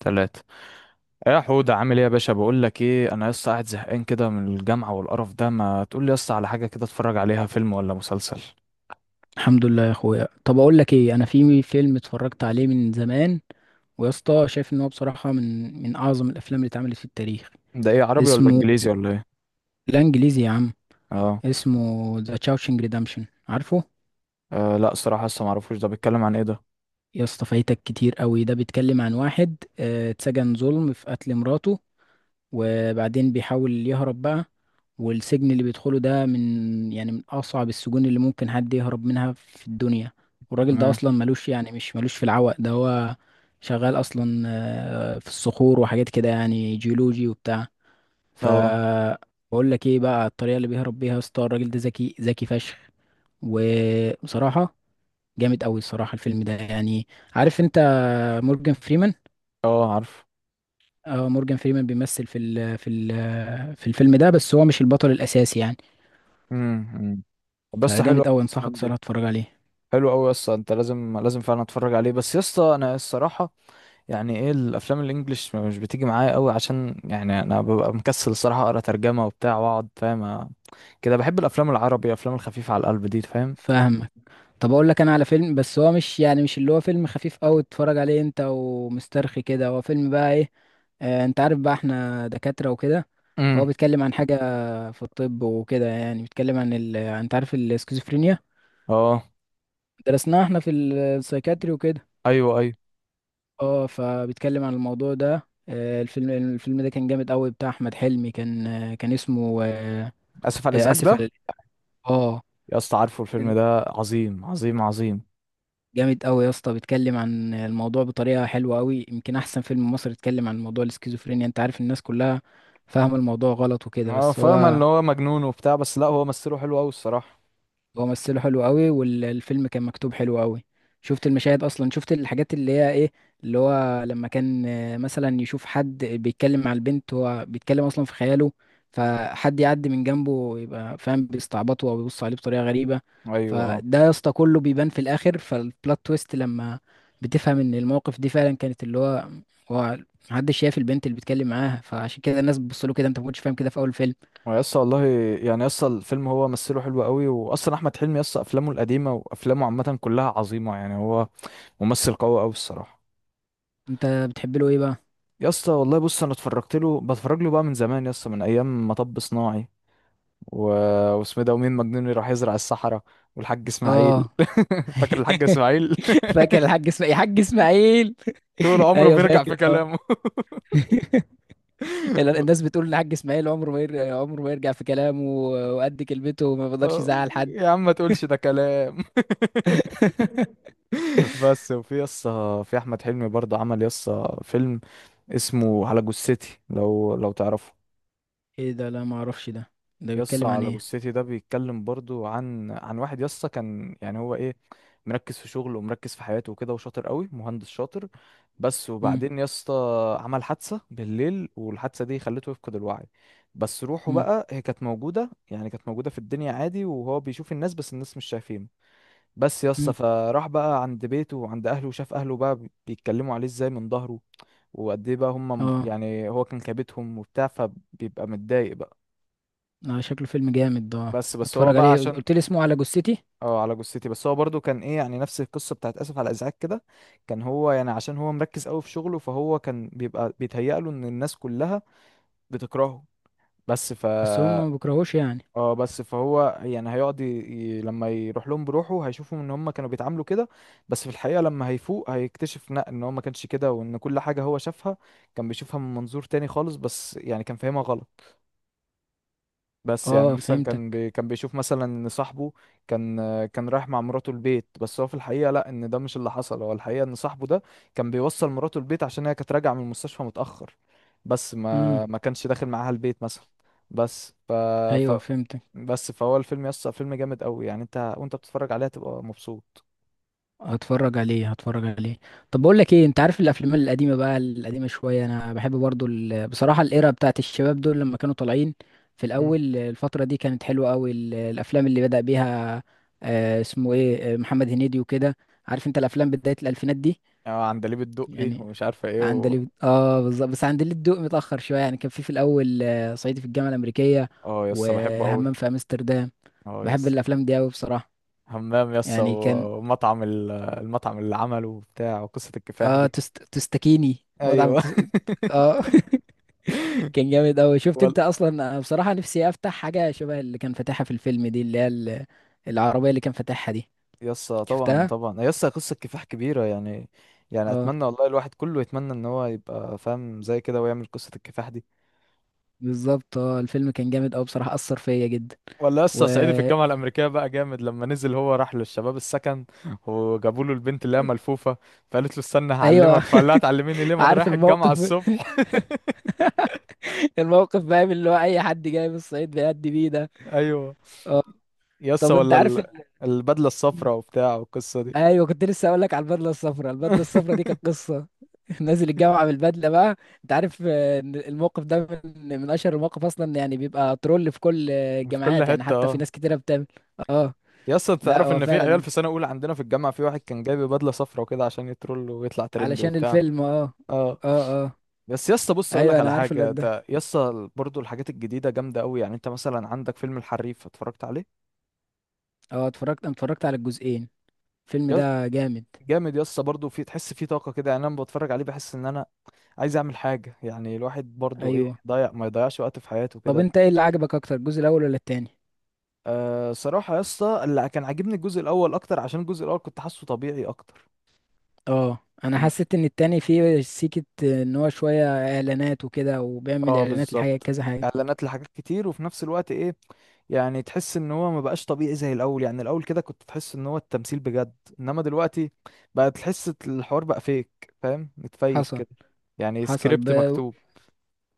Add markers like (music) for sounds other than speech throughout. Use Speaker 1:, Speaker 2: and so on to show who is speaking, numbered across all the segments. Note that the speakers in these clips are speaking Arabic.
Speaker 1: تلاتة. إيه يا حودة، عامل ايه يا باشا؟ بقول لك ايه، انا لسه قاعد زهقان كده من الجامعة والقرف ده. ما تقول لي لسه على حاجة كده اتفرج عليها، فيلم ولا مسلسل؟
Speaker 2: الحمد لله يا اخويا. طب اقول لك ايه، انا في فيلم اتفرجت عليه من زمان، ويا اسطى شايف ان هو بصراحه من اعظم الافلام اللي اتعملت في التاريخ.
Speaker 1: ده ايه، عربي ولا
Speaker 2: اسمه...
Speaker 1: انجليزي ولا ايه؟
Speaker 2: لا، انجليزي يا عم.
Speaker 1: اه.
Speaker 2: اسمه ذا تشاوشنج ريدمشن، عارفه؟
Speaker 1: آه لا، الصراحة لسه معرفوش. ده بيتكلم عن ايه ده؟
Speaker 2: يا اسطى فايتك كتير قوي، ده بيتكلم عن واحد اتسجن ظلم في قتل مراته، وبعدين بيحاول يهرب بقى. والسجن اللي بيدخله ده من أصعب السجون اللي ممكن حد يهرب منها في الدنيا. والراجل ده
Speaker 1: تمام.
Speaker 2: أصلا ملوش يعني مش ملوش في العوق ده، هو شغال أصلا في الصخور وحاجات كده، يعني جيولوجي وبتاع. ف
Speaker 1: اه.
Speaker 2: بقول لك ايه بقى، الطريقة اللي بيهرب بيها يا اسطى، الراجل ده ذكي ذكي فشخ، وبصراحة جامد قوي الصراحة الفيلم ده، يعني عارف انت مورجان فريمان؟
Speaker 1: اه عارف.
Speaker 2: اه، مورجان فريمان بيمثل في الفيلم ده، بس هو مش البطل الاساسي يعني.
Speaker 1: امم بس حلو
Speaker 2: فجامد
Speaker 1: أوي.
Speaker 2: قوي، انصحك
Speaker 1: الأفلام
Speaker 2: صراحه
Speaker 1: دي
Speaker 2: تتفرج عليه.
Speaker 1: حلو قوي يا اسطى، انت لازم لازم فعلا اتفرج عليه. بس يا اسطى انا الصراحه يعني ايه، الافلام الانجليش مش بتيجي معايا قوي عشان يعني انا ببقى مكسل الصراحه اقرا ترجمه وبتاع واقعد فاهم كده. بحب الافلام العربي، الافلام الخفيفه على القلب دي فاهم.
Speaker 2: فاهمك. طب اقول لك انا على فيلم، بس هو مش اللي هو فيلم خفيف قوي تتفرج عليه انت ومسترخي كده، هو فيلم بقى ايه، انت عارف بقى احنا دكاتره وكده. فهو
Speaker 1: امم
Speaker 2: بيتكلم عن حاجه في الطب وكده، يعني بيتكلم عن انت عارف السكيزوفرينيا،
Speaker 1: اه.
Speaker 2: درسناها احنا في السايكاتري وكده.
Speaker 1: ايوه ايوه.
Speaker 2: اه، فبيتكلم عن الموضوع ده. الفيلم ده كان جامد قوي، بتاع احمد حلمي، كان اسمه آه،
Speaker 1: اسف على
Speaker 2: آه،
Speaker 1: الازعاج
Speaker 2: اسف
Speaker 1: ده.
Speaker 2: على الإزعاج. اه،
Speaker 1: يا اسطى، عارفه الفيلم
Speaker 2: فيلم
Speaker 1: ده؟ عظيم عظيم عظيم.
Speaker 2: جامد قوي يا اسطى، بيتكلم عن الموضوع بطريقه حلوه قوي، يمكن احسن فيلم مصري اتكلم عن موضوع الاسكيزوفرينيا. انت عارف الناس كلها فاهمه الموضوع غلط وكده،
Speaker 1: اه
Speaker 2: بس
Speaker 1: فاهم
Speaker 2: هو...
Speaker 1: ان هو مجنون وبتاع، بس لا، هو مثله حلو قوي الصراحه.
Speaker 2: هو ممثله حلو قوي، والفيلم كان مكتوب حلو قوي. شفت المشاهد اصلا، شفت الحاجات اللي هي ايه، اللي هو لما كان مثلا يشوف حد بيتكلم مع البنت، هو بيتكلم اصلا في خياله، فحد يعدي من جنبه يبقى فاهم بيستعبطه او بيبص عليه بطريقه غريبه.
Speaker 1: ايوه اه.
Speaker 2: فده يا اسطى كله بيبان في الاخر، فالبلot تويست لما بتفهم ان المواقف دي فعلا كانت اللي هو محدش شايف البنت اللي بيتكلم معاها، فعشان كده الناس بتبص له كده، انت ما كنتش فاهم كده في اول فيلم.
Speaker 1: هو يا اسطى والله، يعني يا اسطى الفيلم هو مثله حلو قوي، واصلا احمد حلمي يا اسطى افلامه القديمه وافلامه عامه كلها عظيمه، يعني هو ممثل قوي قوي الصراحه.
Speaker 2: انت بتحب له ايه بقى؟
Speaker 1: يا اسطى والله، بص انا اتفرجت له بتفرج له بقى من زمان يا اسطى، من ايام مطب صناعي و... واسمه إيه ده، ومين مجنون راح يزرع الصحراء، والحاج اسماعيل.
Speaker 2: اه.
Speaker 1: (laughs) فاكر الحاج
Speaker 2: (laughs)
Speaker 1: اسماعيل؟
Speaker 2: (laughs) فاكر الحاج اسماعيل، الحاج اسماعيل.
Speaker 1: (laughs) طول
Speaker 2: (laughs)
Speaker 1: عمره
Speaker 2: ايوه
Speaker 1: بيرجع
Speaker 2: فاكر
Speaker 1: في
Speaker 2: طبعا.
Speaker 1: كلامه.
Speaker 2: (laughs) الناس
Speaker 1: (laughs)
Speaker 2: بتقول ان الحاج اسماعيل عمره ما يرجع في كلامه، وقد كلمته وما بيقدرش يزعل حد.
Speaker 1: يا عم ما تقولش ده كلام. (laughs)
Speaker 2: (laughs)
Speaker 1: بس وفي يسا، في احمد حلمي برضه عمل يسا فيلم اسمه على جثتي، لو تعرفه.
Speaker 2: ايه ده؟ لا ما اعرفش ده، ده
Speaker 1: يسا
Speaker 2: بيتكلم عن
Speaker 1: على
Speaker 2: ايه؟
Speaker 1: جثتي ده بيتكلم برضو عن واحد يسا كان يعني هو ايه، مركز في شغله ومركز في حياته وكده، وشاطر قوي مهندس شاطر. بس
Speaker 2: مم.
Speaker 1: وبعدين يسا عمل حادثة بالليل، والحادثة دي خلته يفقد الوعي. بس روحه
Speaker 2: مم.
Speaker 1: بقى هي كانت موجودة، يعني كانت موجودة في الدنيا عادي، وهو بيشوف الناس بس الناس مش شايفينه. بس يسا
Speaker 2: مم.
Speaker 1: فراح بقى عند بيته وعند اهله، وشاف اهله بقى بيتكلموا عليه ازاي من ظهره، وقد ايه بقى هم،
Speaker 2: اه،
Speaker 1: يعني هو كان كابتهم وبتاع، فبيبقى متضايق بقى.
Speaker 2: اه، شكله فيلم جامد ده، آه.
Speaker 1: بس هو
Speaker 2: اتفرج
Speaker 1: بقى
Speaker 2: عليه،
Speaker 1: عشان،
Speaker 2: قلت لي اسمه على جثتي؟
Speaker 1: اه على جثتي. بس هو برضو كان ايه يعني، نفس القصه بتاعت اسف على الازعاج كده. كان هو يعني عشان هو مركز قوي في شغله، فهو كان بيبقى بيتهيأ له ان الناس كلها بتكرهه. بس ف
Speaker 2: بس هم ما بيكرهوش يعني.
Speaker 1: اه، بس فهو يعني هيقعد لما يروح لهم بروحه هيشوفهم ان هم كانوا بيتعاملوا كده. بس في الحقيقه لما هيفوق هيكتشف لا، ان هو ما كانش كده، وان كل حاجه هو شافها كان بيشوفها من منظور تاني خالص، بس يعني كان فاهمها غلط. بس يعني
Speaker 2: اه،
Speaker 1: مثلا
Speaker 2: فهمتك.
Speaker 1: كان بيشوف مثلا ان صاحبه كان رايح مع مراته البيت، بس هو في الحقيقه لا، ان ده مش اللي حصل. هو الحقيقه ان صاحبه ده كان بيوصل مراته البيت عشان هي كانت راجعه من المستشفى متاخر، بس
Speaker 2: امم.
Speaker 1: ما كانش داخل معاها البيت مثلا. بس ف,
Speaker 2: ايوه،
Speaker 1: ف
Speaker 2: فهمتك.
Speaker 1: بس فهو الفيلم يسطا فيلم جامد قوي، يعني انت وانت بتتفرج عليه هتبقى مبسوط.
Speaker 2: هتفرج عليه، هتفرج عليه. طب بقول لك ايه، انت عارف الافلام القديمه بقى، القديمه شويه، انا بحب برضو بصراحه الايرا بتاعت الشباب دول لما كانوا طالعين في
Speaker 1: مم.
Speaker 2: الاول، الفتره دي كانت حلوه قوي، الافلام اللي بدأ بيها آه اسمه ايه آه، محمد هنيدي وكده، عارف انت الافلام بدايه الالفينات دي
Speaker 1: اه عندليب الدقي
Speaker 2: يعني.
Speaker 1: ومش عارفه ايه
Speaker 2: عندليب، اه بالظبط، بس عندليب الدق متاخر شويه، يعني كان في الاول صعيدي في الجامعه الامريكيه،
Speaker 1: اه يسطا بحبه قوي.
Speaker 2: وهمام في امستردام.
Speaker 1: اه
Speaker 2: بحب
Speaker 1: يسطا.
Speaker 2: الافلام دي قوي بصراحه،
Speaker 1: حمام يس
Speaker 2: يعني كان...
Speaker 1: و- ومطعم المطعم اللي عمله وبتاع، وقصة الكفاح
Speaker 2: اه،
Speaker 1: دي.
Speaker 2: تستكيني مطعم
Speaker 1: ايوه. (laughs)
Speaker 2: اه. (laughs) كان جامد اوي. شفت
Speaker 1: وال...
Speaker 2: انت اصلا، انا بصراحة نفسي افتح حاجة شبه اللي كان فاتحها في الفيلم دي، اللي هي العربية اللي كان فاتحها دي،
Speaker 1: يس طبعا
Speaker 2: شفتها؟
Speaker 1: طبعا، يس قصة كفاح كبيرة يعني. يعني
Speaker 2: اه
Speaker 1: اتمنى والله، الواحد كله يتمنى ان هو يبقى فاهم زي كده ويعمل قصة الكفاح دي.
Speaker 2: بالظبط، اه الفيلم كان جامد اوي بصراحة، اثر فيا جدا
Speaker 1: ولا يس
Speaker 2: و
Speaker 1: صعيدي في الجامعة الأمريكية بقى جامد، لما نزل هو راح للشباب السكن وجابوا له البنت اللي هي ملفوفة، فقالت له استنى
Speaker 2: ايوه.
Speaker 1: هعلمك، فقال لها تعلميني ليه،
Speaker 2: (laughs)
Speaker 1: ما انا
Speaker 2: عارف
Speaker 1: رايح
Speaker 2: الموقف.
Speaker 1: الجامعة الصبح. (laughs)
Speaker 2: (laughs) الموقف بقى من اللي هو اي حد جاي من الصعيد بيأدي بيه ده.
Speaker 1: ايوه.
Speaker 2: اه.
Speaker 1: يس
Speaker 2: طب انت
Speaker 1: ولا
Speaker 2: عارف،
Speaker 1: البدلة الصفراء وبتاع، والقصة دي.
Speaker 2: ايوه كنت لسه اقول لك على البدله الصفراء، البدله الصفراء دي كانت
Speaker 1: (laughs)
Speaker 2: قصه. (laughs) نازل الجامعه بالبدله بقى، انت عارف إن الموقف ده من اشهر المواقف اصلا، يعني بيبقى ترول في كل
Speaker 1: في كل
Speaker 2: الجامعات، يعني
Speaker 1: حتة،
Speaker 2: حتى في
Speaker 1: اه.
Speaker 2: ناس كتيره بتعمل. اه.
Speaker 1: يا اسطى انت
Speaker 2: لا
Speaker 1: تعرف
Speaker 2: هو
Speaker 1: ان في عيال
Speaker 2: فعلا،
Speaker 1: في سنة اولى عندنا في الجامعة، في واحد كان جايب بدلة صفرا وكده عشان يترول ويطلع ترند
Speaker 2: علشان
Speaker 1: وبتاع.
Speaker 2: الفيلم. اه
Speaker 1: اه.
Speaker 2: اه، اه.
Speaker 1: بس يا اسطى، بص اقول
Speaker 2: ايوه
Speaker 1: لك على
Speaker 2: انا عارف
Speaker 1: حاجة،
Speaker 2: الواد ده.
Speaker 1: انت يا اسطى برضه الحاجات الجديدة جامدة قوي. يعني انت مثلا عندك فيلم الحريف، اتفرجت عليه؟
Speaker 2: اه، اتفرجت على الجزئين، الفيلم
Speaker 1: يا
Speaker 2: ده جامد.
Speaker 1: جامد يا اسطى برضه، في تحس فيه طاقة كده. يعني انا لما بتفرج عليه بحس ان انا عايز اعمل حاجة، يعني الواحد برضه ايه،
Speaker 2: ايوه.
Speaker 1: ضيع ما يضيعش وقت في حياته
Speaker 2: طب
Speaker 1: كده.
Speaker 2: انت ايه اللي عجبك اكتر، الجزء الاول ولا التاني؟
Speaker 1: أه صراحة يا اسطى، اللي كان عاجبني الجزء الأول أكتر، عشان الجزء الأول كنت حاسه طبيعي أكتر.
Speaker 2: اه. انا حسيت ان التاني فيه سيكة، ان هو شوية اعلانات وكده، وبيعمل
Speaker 1: اه
Speaker 2: اعلانات لحاجة
Speaker 1: بالظبط.
Speaker 2: كذا حاجة.
Speaker 1: اعلانات لحاجات كتير، وفي نفس الوقت ايه، يعني تحس ان هو ما بقاش طبيعي زي الاول. يعني الاول كده كنت تحس ان هو التمثيل بجد، انما دلوقتي بقى تحس الحوار بقى فيك فاهم متفيك
Speaker 2: حصل
Speaker 1: كده، يعني
Speaker 2: حصل
Speaker 1: سكريبت
Speaker 2: ب...
Speaker 1: مكتوب.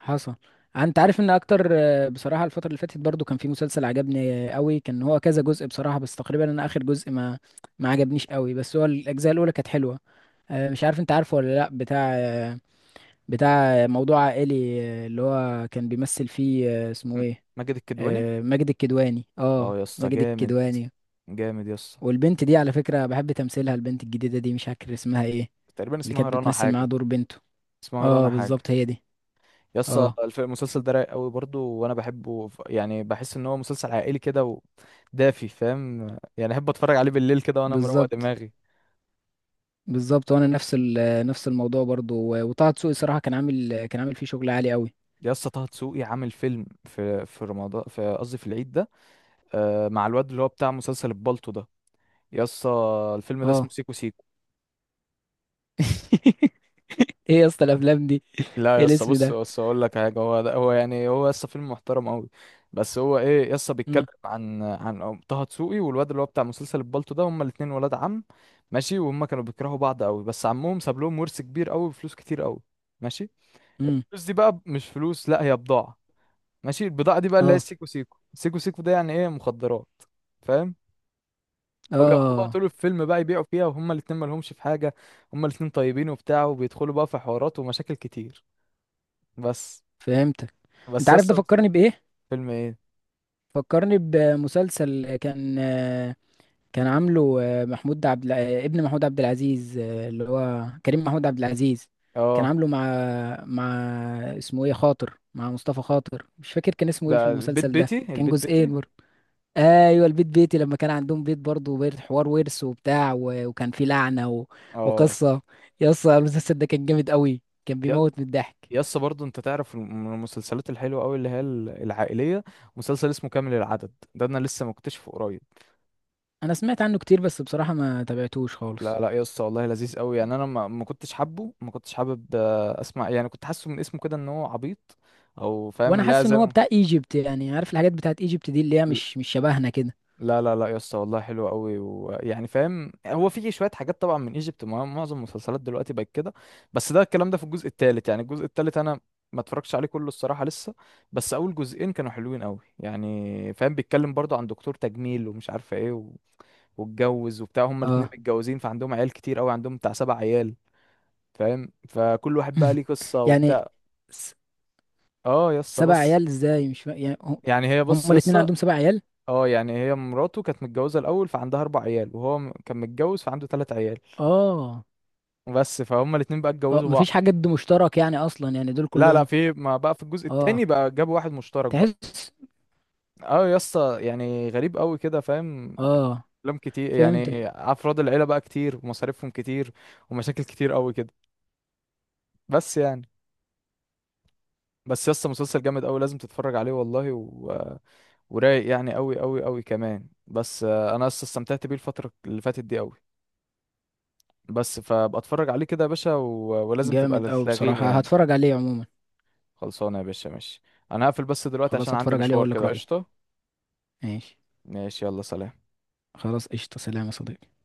Speaker 2: حصل انت عارف ان اكتر بصراحه الفتره اللي فاتت برضو كان في مسلسل عجبني قوي، كان هو كذا جزء بصراحه، بس تقريبا انا اخر جزء ما عجبنيش قوي، بس هو الاجزاء الاولى كانت حلوه. مش عارف انت عارفه ولا لا، بتاع موضوع عائلي، اللي هو كان بيمثل فيه آه، اسمه
Speaker 1: م-
Speaker 2: ايه
Speaker 1: ماجد الكدواني.
Speaker 2: آه، ماجد الكدواني. اه،
Speaker 1: اه يا اسطى
Speaker 2: ماجد
Speaker 1: جامد،
Speaker 2: الكدواني.
Speaker 1: جامد يا اسطى.
Speaker 2: والبنت دي على فكره بحب تمثيلها، البنت الجديده دي مش فاكر اسمها ايه،
Speaker 1: تقريبا
Speaker 2: اللي
Speaker 1: اسمها
Speaker 2: كانت
Speaker 1: رنا
Speaker 2: بتمثل معاه
Speaker 1: حاجه.
Speaker 2: دور بنته.
Speaker 1: اسمها
Speaker 2: اه
Speaker 1: رنا حاجه.
Speaker 2: بالظبط، هي دي.
Speaker 1: يا اسطى
Speaker 2: اه
Speaker 1: المسلسل ده رايق قوي برضه، وانا بحبه يعني بحس ان هو مسلسل عائلي كده، ودافي فاهم، يعني احب اتفرج عليه بالليل كده وانا مروق
Speaker 2: بالظبط،
Speaker 1: دماغي.
Speaker 2: بالظبط. وانا نفس الموضوع برضو، وطه دسوقي صراحه، كان عامل فيه شغل عالي قوي.
Speaker 1: يا اسطى طه دسوقي عامل فيلم في رمضان، في قصدي في العيد ده، مع الواد اللي هو بتاع مسلسل البالطو ده. يا اسطى الفيلم ده
Speaker 2: اه.
Speaker 1: اسمه سيكو سيكو.
Speaker 2: (laughs) ايه يا اسطى الافلام دي،
Speaker 1: لا يا
Speaker 2: ايه
Speaker 1: اسطى،
Speaker 2: الاسم
Speaker 1: بص
Speaker 2: ده؟
Speaker 1: بص اقول لك حاجه. هو ده، هو يعني هو يا اسطى فيلم محترم قوي. بس هو ايه يا اسطى، بيتكلم
Speaker 2: امم.
Speaker 1: عن طه دسوقي والواد اللي هو بتاع مسلسل البالطو ده، هما الاتنين ولاد عم. ماشي. وهم كانوا بيكرهوا بعض قوي، بس عمهم ساب لهم ورث كبير قوي وفلوس كتير قوي. ماشي.
Speaker 2: امم.
Speaker 1: الفلوس دي بقى مش فلوس، لا هي بضاعه. ماشي. البضاعه دي بقى اللي هي
Speaker 2: اه،
Speaker 1: السيكو سيكو سيكو سيكو ده يعني ايه، مخدرات، فاهم. فبيقعدوا بقى
Speaker 2: اه،
Speaker 1: طول الفيلم بقى يبيعوا فيها، وهما الاتنين مالهمش في حاجة، هما الاتنين طيبين وبتاع، وبيدخلوا بقى في حوارات ومشاكل كتير. بس.
Speaker 2: فهمتك. انت
Speaker 1: بس
Speaker 2: عارف ده
Speaker 1: يسطا
Speaker 2: فكرني بايه؟
Speaker 1: فيلم ايه.
Speaker 2: فكرني بمسلسل كان عامله ابن محمود عبد العزيز، اللي هو كريم محمود عبد العزيز، كان
Speaker 1: اه،
Speaker 2: عامله مع اسمه ايه، خاطر، مع مصطفى خاطر، مش فاكر كان اسمه ايه في
Speaker 1: ده البيت
Speaker 2: المسلسل ده،
Speaker 1: بيتي،
Speaker 2: كان
Speaker 1: البيت
Speaker 2: جزئين
Speaker 1: بيتي.
Speaker 2: برضه. ايوه، البيت بيتي. لما كان عندهم بيت برضه، بيت حوار، ورث وبتاع، وكان فيه لعنه،
Speaker 1: اه
Speaker 2: وقصه. يا اسطى المسلسل ده كان جامد قوي، كان
Speaker 1: يا-
Speaker 2: بيموت من الضحك.
Speaker 1: يسطا برضو انت تعرف من المسلسلات الحلوة قوي اللي هي العائلية، مسلسل اسمه كامل العدد ده، انا لسه مكتشفه قريب.
Speaker 2: انا سمعت عنه كتير، بس بصراحه ما تابعتوش خالص.
Speaker 1: لا لا يسطا والله لذيذ قوي، يعني انا ما كنتش حابه، ما كنتش حابب اسمع، يعني كنت حاسه من اسمه كده ان هو عبيط او فاهم،
Speaker 2: وانا
Speaker 1: لا
Speaker 2: حاسس ان
Speaker 1: زي
Speaker 2: هو
Speaker 1: ما،
Speaker 2: بتاع ايجيبت، يعني عارف الحاجات بتاعت ايجيبت دي اللي هي مش شبهنا كده.
Speaker 1: لا لا لا يا اسطى والله حلو قوي، ويعني فاهم هو في شويه حاجات طبعا من ايجيبت، معظم المسلسلات دلوقتي بقت كده. بس ده الكلام ده في الجزء الثالث. يعني الجزء الثالث انا ما اتفرجتش عليه كله الصراحه لسه. بس اول جزئين كانوا حلوين قوي، يعني فاهم، بيتكلم برضه عن دكتور تجميل ومش عارفه ايه واتجوز وبتاع، هما الاتنين
Speaker 2: اه.
Speaker 1: متجوزين، فعندهم عيال كتير قوي، عندهم بتاع سبع عيال، فاهم، فكل واحد بقى ليه
Speaker 2: (laughs)
Speaker 1: قصه
Speaker 2: يعني...
Speaker 1: وبتاع.
Speaker 2: س...
Speaker 1: اه يا اسطى
Speaker 2: سبع
Speaker 1: بس،
Speaker 2: عيال ازاي، مش فا- يعني هم
Speaker 1: يعني هي بص
Speaker 2: هم
Speaker 1: يا
Speaker 2: الاتنين
Speaker 1: اسطى،
Speaker 2: عندهم 7 عيال.
Speaker 1: اه يعني هي مراته كانت متجوزة الأول فعندها أربع عيال، وهو كان متجوز فعنده تلات عيال،
Speaker 2: اه.
Speaker 1: بس فهم الاتنين بقى
Speaker 2: اه،
Speaker 1: اتجوزوا
Speaker 2: مفيش
Speaker 1: بعض.
Speaker 2: حاجه مشترك يعني اصلا، يعني دول
Speaker 1: لا لا،
Speaker 2: كلهم.
Speaker 1: في ما بقى في الجزء التاني
Speaker 2: اه.
Speaker 1: بقى جابوا واحد مشترك بقى.
Speaker 2: تحس.
Speaker 1: اه يا اسطى، يعني غريب قوي كده فاهم،
Speaker 2: اه،
Speaker 1: أفلام كتير،
Speaker 2: فهمت.
Speaker 1: يعني أفراد العيلة بقى كتير ومصاريفهم كتير ومشاكل كتير قوي كده. بس يعني، بس يا اسطى مسلسل جامد قوي، لازم تتفرج عليه والله، ورايق يعني قوي قوي قوي كمان، بس انا يا اسطى استمتعت بيه الفترة اللي فاتت دي قوي. بس فبتفرج عليه كده يا باشا ولازم
Speaker 2: جامد
Speaker 1: تبقى
Speaker 2: أوي
Speaker 1: تلاغيني
Speaker 2: بصراحة،
Speaker 1: يعني.
Speaker 2: هتفرج عليه عموما.
Speaker 1: خلصانه يا باشا، ماشي. انا هقفل بس دلوقتي
Speaker 2: خلاص،
Speaker 1: عشان عندي
Speaker 2: هتفرج عليه
Speaker 1: مشوار
Speaker 2: وأقول لك
Speaker 1: كده،
Speaker 2: رأيي.
Speaker 1: قشطه.
Speaker 2: ماشي.
Speaker 1: ماشي يلا، سلام.
Speaker 2: خلاص، قشطة، سلام يا صديقي.